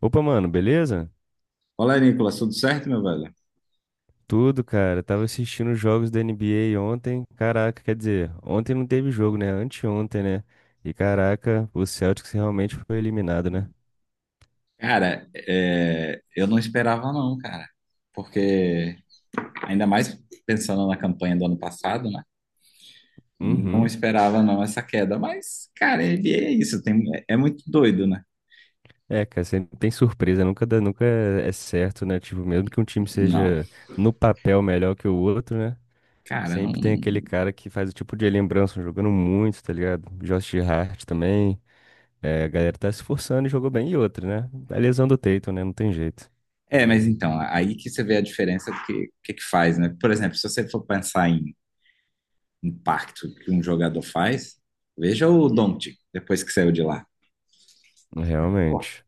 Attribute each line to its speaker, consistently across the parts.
Speaker 1: Opa, mano, beleza?
Speaker 2: Olá, Nicolas, tudo certo, meu velho?
Speaker 1: Tudo, cara. Tava assistindo os jogos da NBA ontem. Caraca, quer dizer, ontem não teve jogo, né? Anteontem, né? E caraca, o Celtics realmente foi eliminado, né?
Speaker 2: Cara, é, eu não esperava não, cara, porque ainda mais pensando na campanha do ano passado, né? Não
Speaker 1: Uhum.
Speaker 2: esperava não essa queda, mas, cara, NBA é isso, tem, é muito doido, né?
Speaker 1: É, cara, sempre tem surpresa, nunca dá, nunca é certo, né? Tipo, mesmo que um time
Speaker 2: Não,
Speaker 1: seja no papel melhor que o outro, né?
Speaker 2: cara, não.
Speaker 1: Sempre tem aquele cara que faz o tipo de lembrança, jogando muito, tá ligado? Josh Hart também. É, a galera tá se esforçando e jogou bem. E outra, né? A lesão do Tatum, né? Não tem jeito.
Speaker 2: É, mas então, aí que você vê a diferença do que, que faz, né? Por exemplo, se você for pensar em impacto que um jogador faz, veja o Doncic, depois que saiu de lá. Pô,
Speaker 1: Realmente.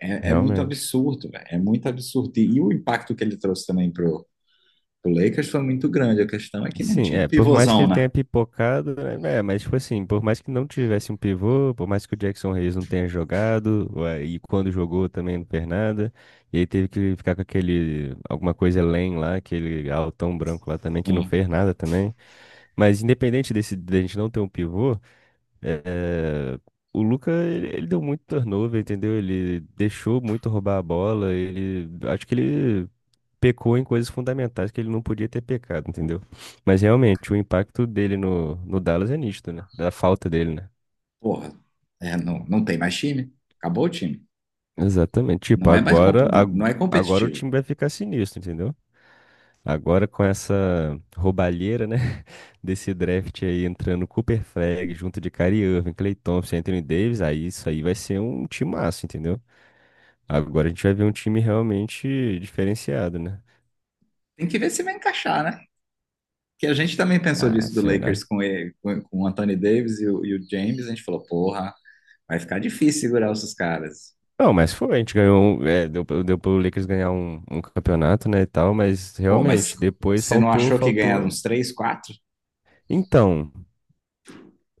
Speaker 2: é, é muito
Speaker 1: Realmente.
Speaker 2: absurdo, velho. É muito absurdo. E o impacto que ele trouxe também pro, pro Lakers foi muito grande. A questão é que não
Speaker 1: Sim,
Speaker 2: tinha um
Speaker 1: é, por mais que
Speaker 2: pivôzão,
Speaker 1: ele
Speaker 2: né?
Speaker 1: tenha pipocado, né, é, mas tipo assim, por mais que não tivesse um pivô, por mais que o Jackson Reyes não tenha jogado, ué, e quando jogou também não fez nada, e aí teve que ficar com aquele, alguma coisa além lá, aquele altão branco lá também, que não
Speaker 2: Sim.
Speaker 1: fez nada também. Mas independente desse, da gente não ter um pivô, é, o Luka, ele deu muito turnover, entendeu? Ele deixou muito roubar a bola, ele, acho que ele pecou em coisas fundamentais que ele não podia ter pecado, entendeu? Mas realmente, o impacto dele no Dallas é nítido, né? Da falta dele, né?
Speaker 2: Porra, é, não, não tem mais time. Acabou o time.
Speaker 1: Exatamente. Tipo,
Speaker 2: Não é mais comp-
Speaker 1: agora,
Speaker 2: não é
Speaker 1: agora o
Speaker 2: competitivo.
Speaker 1: time vai ficar sinistro, entendeu? Agora com essa roubalheira, né? Desse draft aí entrando Cooper Flag junto de Kyrie Irving, Klay Thompson, Anthony Davis, aí isso aí vai ser um timaço, entendeu? Agora a gente vai ver um time realmente diferenciado, né?
Speaker 2: Tem que ver se vai encaixar, né? Que a gente também pensou
Speaker 1: Ah,
Speaker 2: disso do
Speaker 1: será?
Speaker 2: Lakers com, ele, com o Anthony Davis e o James. A gente falou, porra, vai ficar difícil segurar esses caras.
Speaker 1: Não, mas foi, a gente ganhou, é, deu, deu pro Lakers ganhar um, um campeonato, né, e tal, mas
Speaker 2: Pô, mas
Speaker 1: realmente, depois
Speaker 2: você não
Speaker 1: faltou,
Speaker 2: achou que ganhar
Speaker 1: faltou.
Speaker 2: uns três, quatro?
Speaker 1: Então,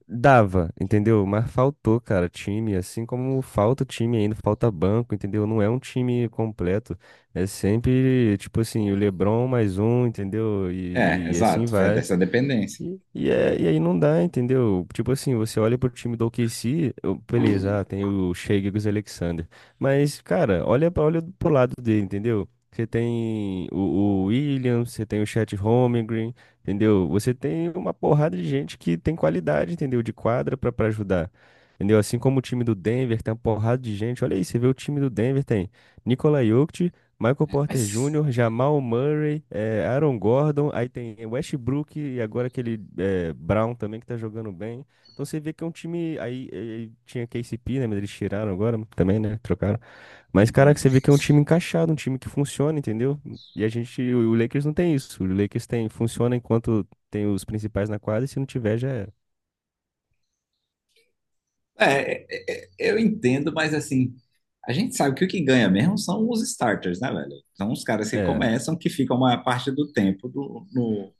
Speaker 1: dava, entendeu? Mas faltou, cara, time, assim como falta time ainda, falta banco, entendeu? Não é um time completo, é sempre, tipo assim, o LeBron mais um, entendeu?
Speaker 2: É,
Speaker 1: E assim
Speaker 2: exato. É
Speaker 1: vai.
Speaker 2: dessa dependência.
Speaker 1: E aí não dá, entendeu? Tipo assim, você olha pro time do OKC, beleza, ah, tem o Shea Gilgeous Alexander. Mas, cara, olha, olha pro lado dele, entendeu? Você tem o Williams, você tem o Chet Holmgren, entendeu? Você tem uma porrada de gente que tem qualidade, entendeu? De quadra pra ajudar. Entendeu? Assim como o time do Denver tem uma porrada de gente. Olha aí, você vê o time do Denver, tem Nikola Jokic, Michael
Speaker 2: É, mas.
Speaker 1: Porter Júnior, Jamal Murray, Aaron Gordon, aí tem Westbrook e agora aquele Brown também que tá jogando bem. Então você vê que é um time. Aí tinha KCP, né? Mas eles tiraram agora também, né? Trocaram. Mas, caraca,
Speaker 2: Uhum.
Speaker 1: você vê que é um time encaixado, um time que funciona, entendeu? E a gente. O Lakers não tem isso. O Lakers tem, funciona enquanto tem os principais na quadra e se não tiver já é.
Speaker 2: É, é, eu entendo, mas assim, a gente sabe que o que ganha mesmo são os starters, né, velho? São os caras que
Speaker 1: É,
Speaker 2: começam, que ficam a maior parte do tempo no,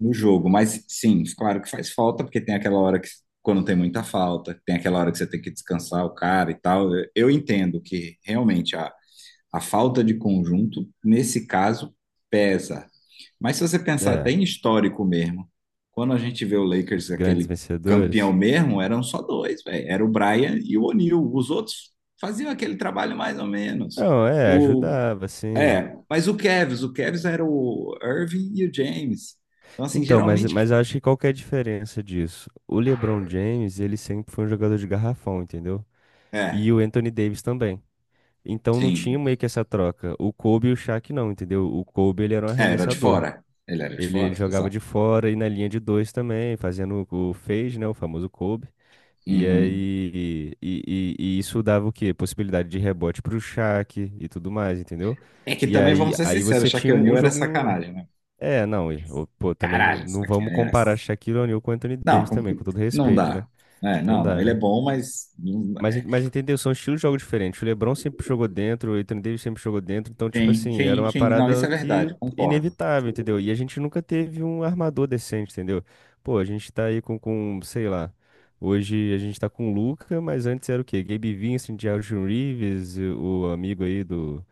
Speaker 2: no jogo. Mas sim, claro que faz falta, porque tem aquela hora que, quando tem muita falta, tem aquela hora que você tem que descansar o cara e tal. Eu entendo que realmente a falta de conjunto, nesse caso, pesa. Mas se você pensar
Speaker 1: é.
Speaker 2: até em histórico mesmo, quando a gente vê o
Speaker 1: Os
Speaker 2: Lakers,
Speaker 1: grandes
Speaker 2: aquele campeão
Speaker 1: vencedores.
Speaker 2: mesmo, eram só dois, velho. Era o Bryant e o O'Neal. Os outros faziam aquele trabalho mais ou menos.
Speaker 1: Não, é,
Speaker 2: O,
Speaker 1: ajudava, assim.
Speaker 2: é, mas o Cavs era o Irving e o James. Então, assim,
Speaker 1: Então,
Speaker 2: geralmente...
Speaker 1: mas eu acho que qual que é a diferença disso? O LeBron James, ele sempre foi um jogador de garrafão, entendeu? E
Speaker 2: É,
Speaker 1: o Anthony Davis também. Então não tinha
Speaker 2: sim.
Speaker 1: meio que essa troca. O Kobe e o Shaq não, entendeu? O Kobe, ele era um
Speaker 2: É, era de
Speaker 1: arremessador.
Speaker 2: fora. Ele era de
Speaker 1: Ele
Speaker 2: fora,
Speaker 1: jogava
Speaker 2: exato.
Speaker 1: de fora e na linha de dois também, fazendo o fade, né? O famoso Kobe. E
Speaker 2: Uhum.
Speaker 1: aí, e isso dava o quê? Possibilidade de rebote pro Shaq e tudo mais, entendeu?
Speaker 2: É que
Speaker 1: E
Speaker 2: também,
Speaker 1: aí,
Speaker 2: vamos ser
Speaker 1: aí
Speaker 2: sinceros,
Speaker 1: você tinha
Speaker 2: Shaquille
Speaker 1: um
Speaker 2: O'Neal
Speaker 1: um
Speaker 2: era
Speaker 1: jogo,
Speaker 2: sacanagem, né?
Speaker 1: é, não, e, ô, pô, também não,
Speaker 2: Caralho,
Speaker 1: não vamos
Speaker 2: sacanagem.
Speaker 1: comparar Shaquille O'Neal com Anthony
Speaker 2: Não,
Speaker 1: Davis também, com todo
Speaker 2: não
Speaker 1: respeito, né?
Speaker 2: dá. É,
Speaker 1: Não
Speaker 2: não, não,
Speaker 1: dá,
Speaker 2: ele é
Speaker 1: né?
Speaker 2: bom, mas
Speaker 1: Mas, mas entendeu? São estilos de jogo diferentes. O LeBron sempre jogou dentro, o Anthony Davis sempre jogou dentro, então, tipo
Speaker 2: sim,
Speaker 1: assim, era
Speaker 2: sim,
Speaker 1: uma
Speaker 2: sim. Não, isso é
Speaker 1: parada que
Speaker 2: verdade, concordo.
Speaker 1: inevitável, entendeu? E a gente nunca teve um armador decente, entendeu? Pô, a gente tá aí com, sei lá, hoje a gente tá com o Luka, mas antes era o quê? Gabe Vincent, Jaron Reeves, e o amigo aí do.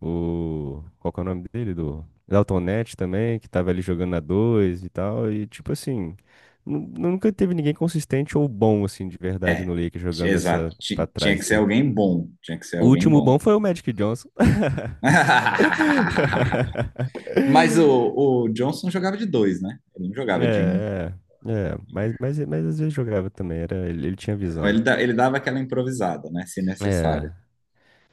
Speaker 1: O. Qual que é o nome dele? Do. Dalton Neto também, que tava ali jogando a dois e tal. E tipo assim. Nunca teve ninguém consistente ou bom, assim, de verdade
Speaker 2: É,
Speaker 1: no Lakers jogando essa
Speaker 2: exato.
Speaker 1: pra
Speaker 2: Tinha
Speaker 1: trás.
Speaker 2: que ser
Speaker 1: Entendeu?
Speaker 2: alguém bom. Tinha que ser
Speaker 1: O
Speaker 2: alguém
Speaker 1: último
Speaker 2: bom.
Speaker 1: bom foi o Magic Johnson.
Speaker 2: Mas o Johnson jogava de dois, né? Ele não
Speaker 1: É,
Speaker 2: jogava de um.
Speaker 1: é, é. Mas às vezes jogava também. Era, ele tinha
Speaker 2: Não,
Speaker 1: visão.
Speaker 2: ele, ele dava aquela improvisada, né? Se
Speaker 1: É.
Speaker 2: necessário.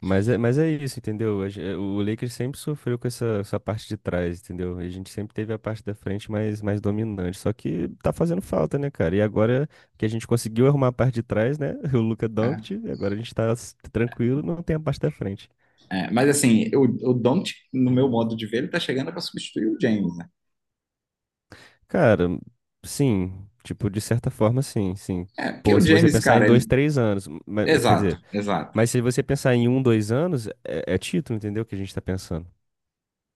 Speaker 1: Mas é, mas é isso, entendeu? O Lakers sempre sofreu com essa, essa parte de trás, entendeu? A gente sempre teve a parte da frente mais, mais dominante. Só que tá fazendo falta, né, cara? E agora que a gente conseguiu arrumar a parte de trás, né? O Luka
Speaker 2: É,
Speaker 1: Doncic, e agora a gente tá tranquilo, não tem a parte da frente.
Speaker 2: é. Mas assim, o Doncic, no meu modo de ver, ele tá chegando para substituir o James, né?
Speaker 1: Cara, sim, tipo, de certa forma, sim, sim.
Speaker 2: É, porque
Speaker 1: Pô,
Speaker 2: o
Speaker 1: se você
Speaker 2: James,
Speaker 1: pensar em
Speaker 2: cara,
Speaker 1: dois,
Speaker 2: ele.
Speaker 1: três anos, quer
Speaker 2: Exato,
Speaker 1: dizer,
Speaker 2: exato.
Speaker 1: mas se você pensar em um, dois anos, é, é título, entendeu? Que a gente tá pensando.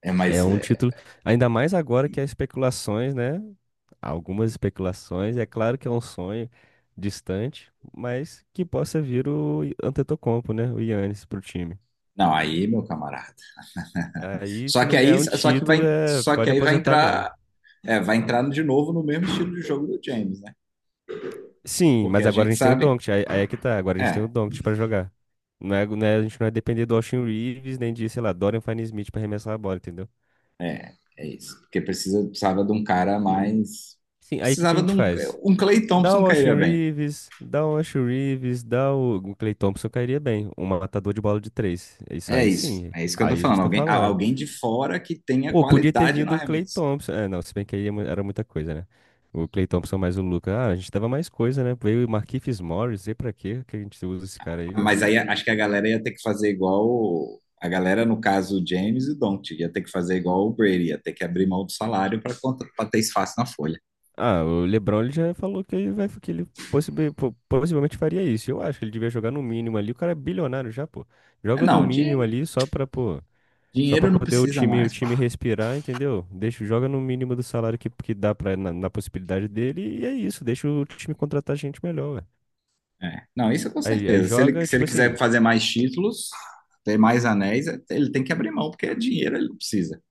Speaker 2: É,
Speaker 1: É
Speaker 2: mas,
Speaker 1: um
Speaker 2: é,
Speaker 1: título, ainda mais agora que há especulações, né? Há algumas especulações, é claro que é um sonho distante, mas que possa vir o Antetokounmpo, né? O Giannis pro time.
Speaker 2: não, aí, meu camarada.
Speaker 1: Aí,
Speaker 2: Só
Speaker 1: se
Speaker 2: que
Speaker 1: não ganhar
Speaker 2: aí,
Speaker 1: um
Speaker 2: só que
Speaker 1: título,
Speaker 2: vai,
Speaker 1: é...
Speaker 2: só que
Speaker 1: pode
Speaker 2: aí vai
Speaker 1: aposentar mesmo.
Speaker 2: entrar é, vai entrar de novo no mesmo estilo de jogo do James, né?
Speaker 1: Sim,
Speaker 2: Porque
Speaker 1: mas
Speaker 2: a
Speaker 1: agora a
Speaker 2: gente
Speaker 1: gente tem o
Speaker 2: sabe,
Speaker 1: Doncic, aí, aí é que tá, agora a gente tem o
Speaker 2: é,
Speaker 1: Doncic pra jogar. A gente não é depender do Austin Reeves, nem de, sei lá, Dorian Finney-Smith pra arremessar a bola, entendeu?
Speaker 2: é, é isso. Porque precisa, precisava de um cara mais.
Speaker 1: Sim, aí o que que a
Speaker 2: Precisava de
Speaker 1: gente
Speaker 2: um.
Speaker 1: faz?
Speaker 2: Um Clay
Speaker 1: Dá
Speaker 2: Thompson
Speaker 1: o Austin
Speaker 2: cairia bem.
Speaker 1: Reeves, dá o Austin Reeves, dá o Klay Thompson cairia bem. Um matador de bola de três. Isso aí sim.
Speaker 2: É isso que eu tô
Speaker 1: Aí a gente
Speaker 2: falando.
Speaker 1: tá
Speaker 2: Alguém,
Speaker 1: falando.
Speaker 2: alguém de fora que tenha
Speaker 1: Pô, podia ter
Speaker 2: qualidade no
Speaker 1: vindo o Klay
Speaker 2: arremesso.
Speaker 1: Thompson. É, não, se bem que aí é era muita coisa, né? O Klay Thompson mais o Luka. Ah, a gente tava mais coisa, né? Veio o Markieff Morris. E pra quê que a gente usa esse cara aí, ué?
Speaker 2: Mas aí acho que a galera ia ter que fazer igual. A galera, no caso, o James e o Doncic, ia ter que fazer igual o Brady, ia ter que abrir mão do salário para ter espaço na folha.
Speaker 1: Ah, o LeBron ele já falou que ele vai, que ele possivelmente faria isso. Eu acho que ele devia jogar no mínimo ali. O cara é bilionário já, pô.
Speaker 2: Mas
Speaker 1: Joga no
Speaker 2: Não,
Speaker 1: mínimo
Speaker 2: din-
Speaker 1: ali só pra, pô. Só pra
Speaker 2: Dinheiro não
Speaker 1: poder
Speaker 2: precisa
Speaker 1: o
Speaker 2: mais, pô.
Speaker 1: time respirar, entendeu? Deixa, joga no mínimo do salário que dá pra, na, na possibilidade dele e é isso. Deixa o time contratar gente melhor, ué.
Speaker 2: É. Não, isso com
Speaker 1: Aí, aí
Speaker 2: certeza. Se ele,
Speaker 1: joga,
Speaker 2: se
Speaker 1: tipo
Speaker 2: ele quiser
Speaker 1: assim,
Speaker 2: fazer mais títulos, ter mais anéis, ele tem que abrir mão, porque é dinheiro, ele não precisa.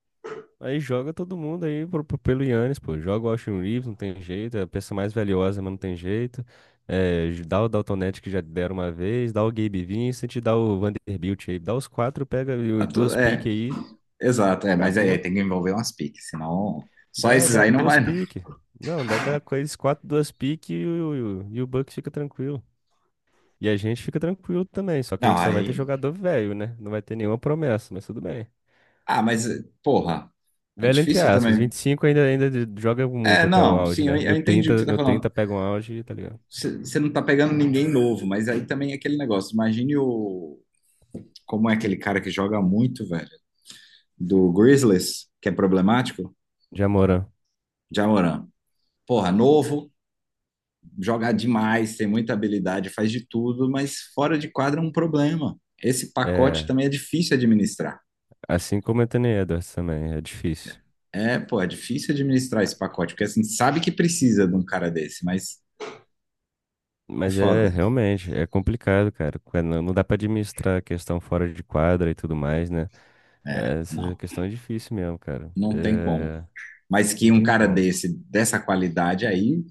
Speaker 1: aí joga todo mundo aí pro, pelo Yannis, pô. Joga o Austin Reeves, não tem jeito. É a peça mais valiosa, mas não tem jeito. É, dá o Dalton Knecht que já deram uma vez, dá o Gabe Vincent, dá o Vanderbilt aí. Dá os quatro, pega e duas
Speaker 2: É,
Speaker 1: piques aí,
Speaker 2: exato, é, mas aí
Speaker 1: acabou.
Speaker 2: tem que envolver umas piques, senão só
Speaker 1: Dá,
Speaker 2: esses
Speaker 1: dá
Speaker 2: aí não
Speaker 1: duas
Speaker 2: vai, não.
Speaker 1: piques. Não, dá, dá com quase quatro, duas piques e, o, e o Bucks fica tranquilo. E a gente fica tranquilo também, só que a
Speaker 2: Não,
Speaker 1: gente só vai ter
Speaker 2: aí.
Speaker 1: jogador velho, né? Não vai ter nenhuma promessa, mas tudo bem.
Speaker 2: Ah, mas, porra, é
Speaker 1: Velho entre
Speaker 2: difícil
Speaker 1: aspas,
Speaker 2: também.
Speaker 1: 25 ainda, joga
Speaker 2: É,
Speaker 1: muito até o
Speaker 2: não,
Speaker 1: auge,
Speaker 2: sim, eu,
Speaker 1: né?
Speaker 2: eu entendi o que você tá
Speaker 1: No
Speaker 2: falando.
Speaker 1: trinta pega um auge, tá ligado?
Speaker 2: Você não tá pegando ninguém novo, mas aí também é aquele negócio. Imagine o. Como é aquele cara que joga muito, velho, do Grizzlies, que é problemático?
Speaker 1: Já Moran.
Speaker 2: Jamoran. Porra, novo, joga demais, tem muita habilidade, faz de tudo, mas fora de quadra é um problema. Esse pacote
Speaker 1: É,
Speaker 2: também é difícil administrar.
Speaker 1: assim como o Anthony Edwards também, é difícil.
Speaker 2: É, pô, é difícil administrar esse pacote, porque assim, sabe que precisa de um cara desse, mas é
Speaker 1: Mas é
Speaker 2: foda.
Speaker 1: realmente, é complicado, cara. Quando não dá pra administrar a questão fora de quadra e tudo mais, né?
Speaker 2: É,
Speaker 1: É, essa
Speaker 2: não,
Speaker 1: questão é difícil mesmo, cara.
Speaker 2: não tem como.
Speaker 1: É,
Speaker 2: Mas que
Speaker 1: não
Speaker 2: um
Speaker 1: tem
Speaker 2: cara
Speaker 1: como.
Speaker 2: desse, dessa qualidade aí,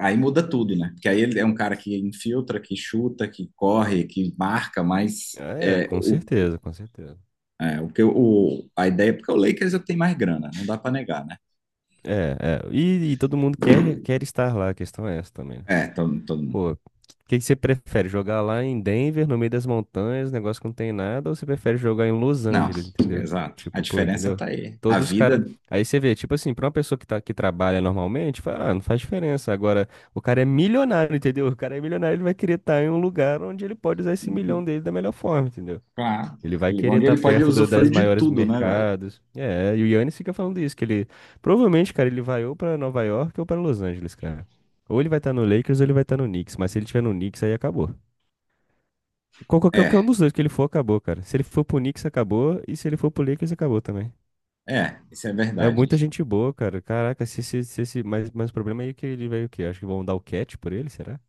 Speaker 2: aí muda tudo, né? Porque aí ele é um cara que infiltra, que chuta, que corre, que marca, mas
Speaker 1: É,
Speaker 2: é,
Speaker 1: com
Speaker 2: o,
Speaker 1: certeza, com certeza.
Speaker 2: é, o o, a ideia, porque o Lakers eu tenho mais grana, não dá pra negar, né?
Speaker 1: É, é. E todo mundo quer, quer estar lá, a questão é essa também, né?
Speaker 2: É, todo, todo mundo.
Speaker 1: Pô, o que que você prefere? Jogar lá em Denver, no meio das montanhas, negócio que não tem nada, ou você prefere jogar em Los
Speaker 2: Não,
Speaker 1: Angeles, entendeu?
Speaker 2: exato. A
Speaker 1: Tipo, pô,
Speaker 2: diferença
Speaker 1: entendeu?
Speaker 2: tá aí. A
Speaker 1: Todos os caras.
Speaker 2: vida,
Speaker 1: Aí você vê, tipo assim, pra uma pessoa que, tá, que trabalha normalmente, fala, ah, não faz diferença. Agora, o cara é milionário, entendeu? O cara é milionário, ele vai querer estar em um lugar onde ele pode usar esse milhão dele da melhor forma, entendeu?
Speaker 2: pá,
Speaker 1: Ele vai querer
Speaker 2: onde
Speaker 1: estar
Speaker 2: ele pode
Speaker 1: perto das
Speaker 2: usufruir de
Speaker 1: maiores
Speaker 2: tudo, né, velho?
Speaker 1: mercados. É, e o Yannis fica falando isso, que ele provavelmente, cara, ele vai ou pra Nova York ou pra Los Angeles, cara. Ou ele vai estar no Lakers ou ele vai estar no Knicks, mas se ele tiver no Knicks aí acabou. Qualquer um
Speaker 2: É,
Speaker 1: dos dois que ele for acabou, cara. Se ele for pro Knicks acabou e se ele for pro Lakers acabou também.
Speaker 2: é, isso é
Speaker 1: É
Speaker 2: verdade.
Speaker 1: muita gente boa, cara. Caraca, mas o problema é que ele vai o quê? Acho que vão dar o cat por ele, será?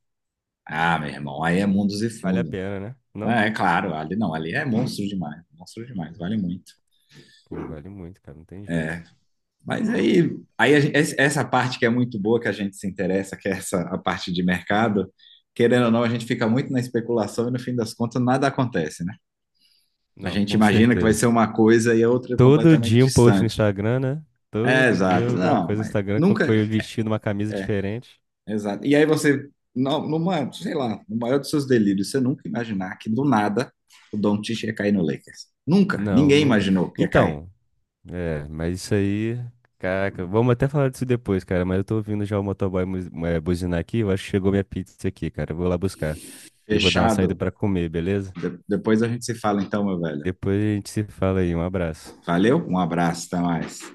Speaker 2: Ah, meu irmão, aí é mundos e
Speaker 1: Vale a
Speaker 2: fundo.
Speaker 1: pena, né? Não?
Speaker 2: Ah, é, claro, ali não, ali é monstro demais, vale muito.
Speaker 1: Pô, vale muito, cara, não tem jeito.
Speaker 2: Mas aí, aí a essa parte que é muito boa, que a gente se interessa, que é essa a parte de mercado, querendo ou não, a gente fica muito na especulação e no fim das contas nada acontece, né? A
Speaker 1: Não,
Speaker 2: gente
Speaker 1: com
Speaker 2: imagina que vai ser
Speaker 1: certeza.
Speaker 2: uma coisa e a outra é
Speaker 1: Todo
Speaker 2: completamente
Speaker 1: dia um post no
Speaker 2: distante.
Speaker 1: Instagram, né?
Speaker 2: É,
Speaker 1: Todo dia
Speaker 2: exato.
Speaker 1: alguma
Speaker 2: Não,
Speaker 1: coisa no
Speaker 2: mas
Speaker 1: Instagram com
Speaker 2: nunca,
Speaker 1: eu vestindo uma camisa diferente.
Speaker 2: exato. E aí você, numa, sei lá, no maior dos seus delírios, você nunca imaginar que do nada o Doncic ia cair no Lakers. Nunca.
Speaker 1: Não,
Speaker 2: Ninguém
Speaker 1: nunca.
Speaker 2: imaginou que ia cair.
Speaker 1: Então, é, mas isso aí. Caraca, vamos até falar disso depois, cara. Mas eu tô ouvindo já o motoboy é, buzinar aqui. Eu acho que chegou minha pizza aqui, cara. Eu vou lá buscar. E vou dar uma saída
Speaker 2: Fechado.
Speaker 1: pra comer, beleza?
Speaker 2: Depois a gente se fala então, meu velho.
Speaker 1: Depois a gente se fala aí. Um abraço.
Speaker 2: Valeu, um abraço, até mais.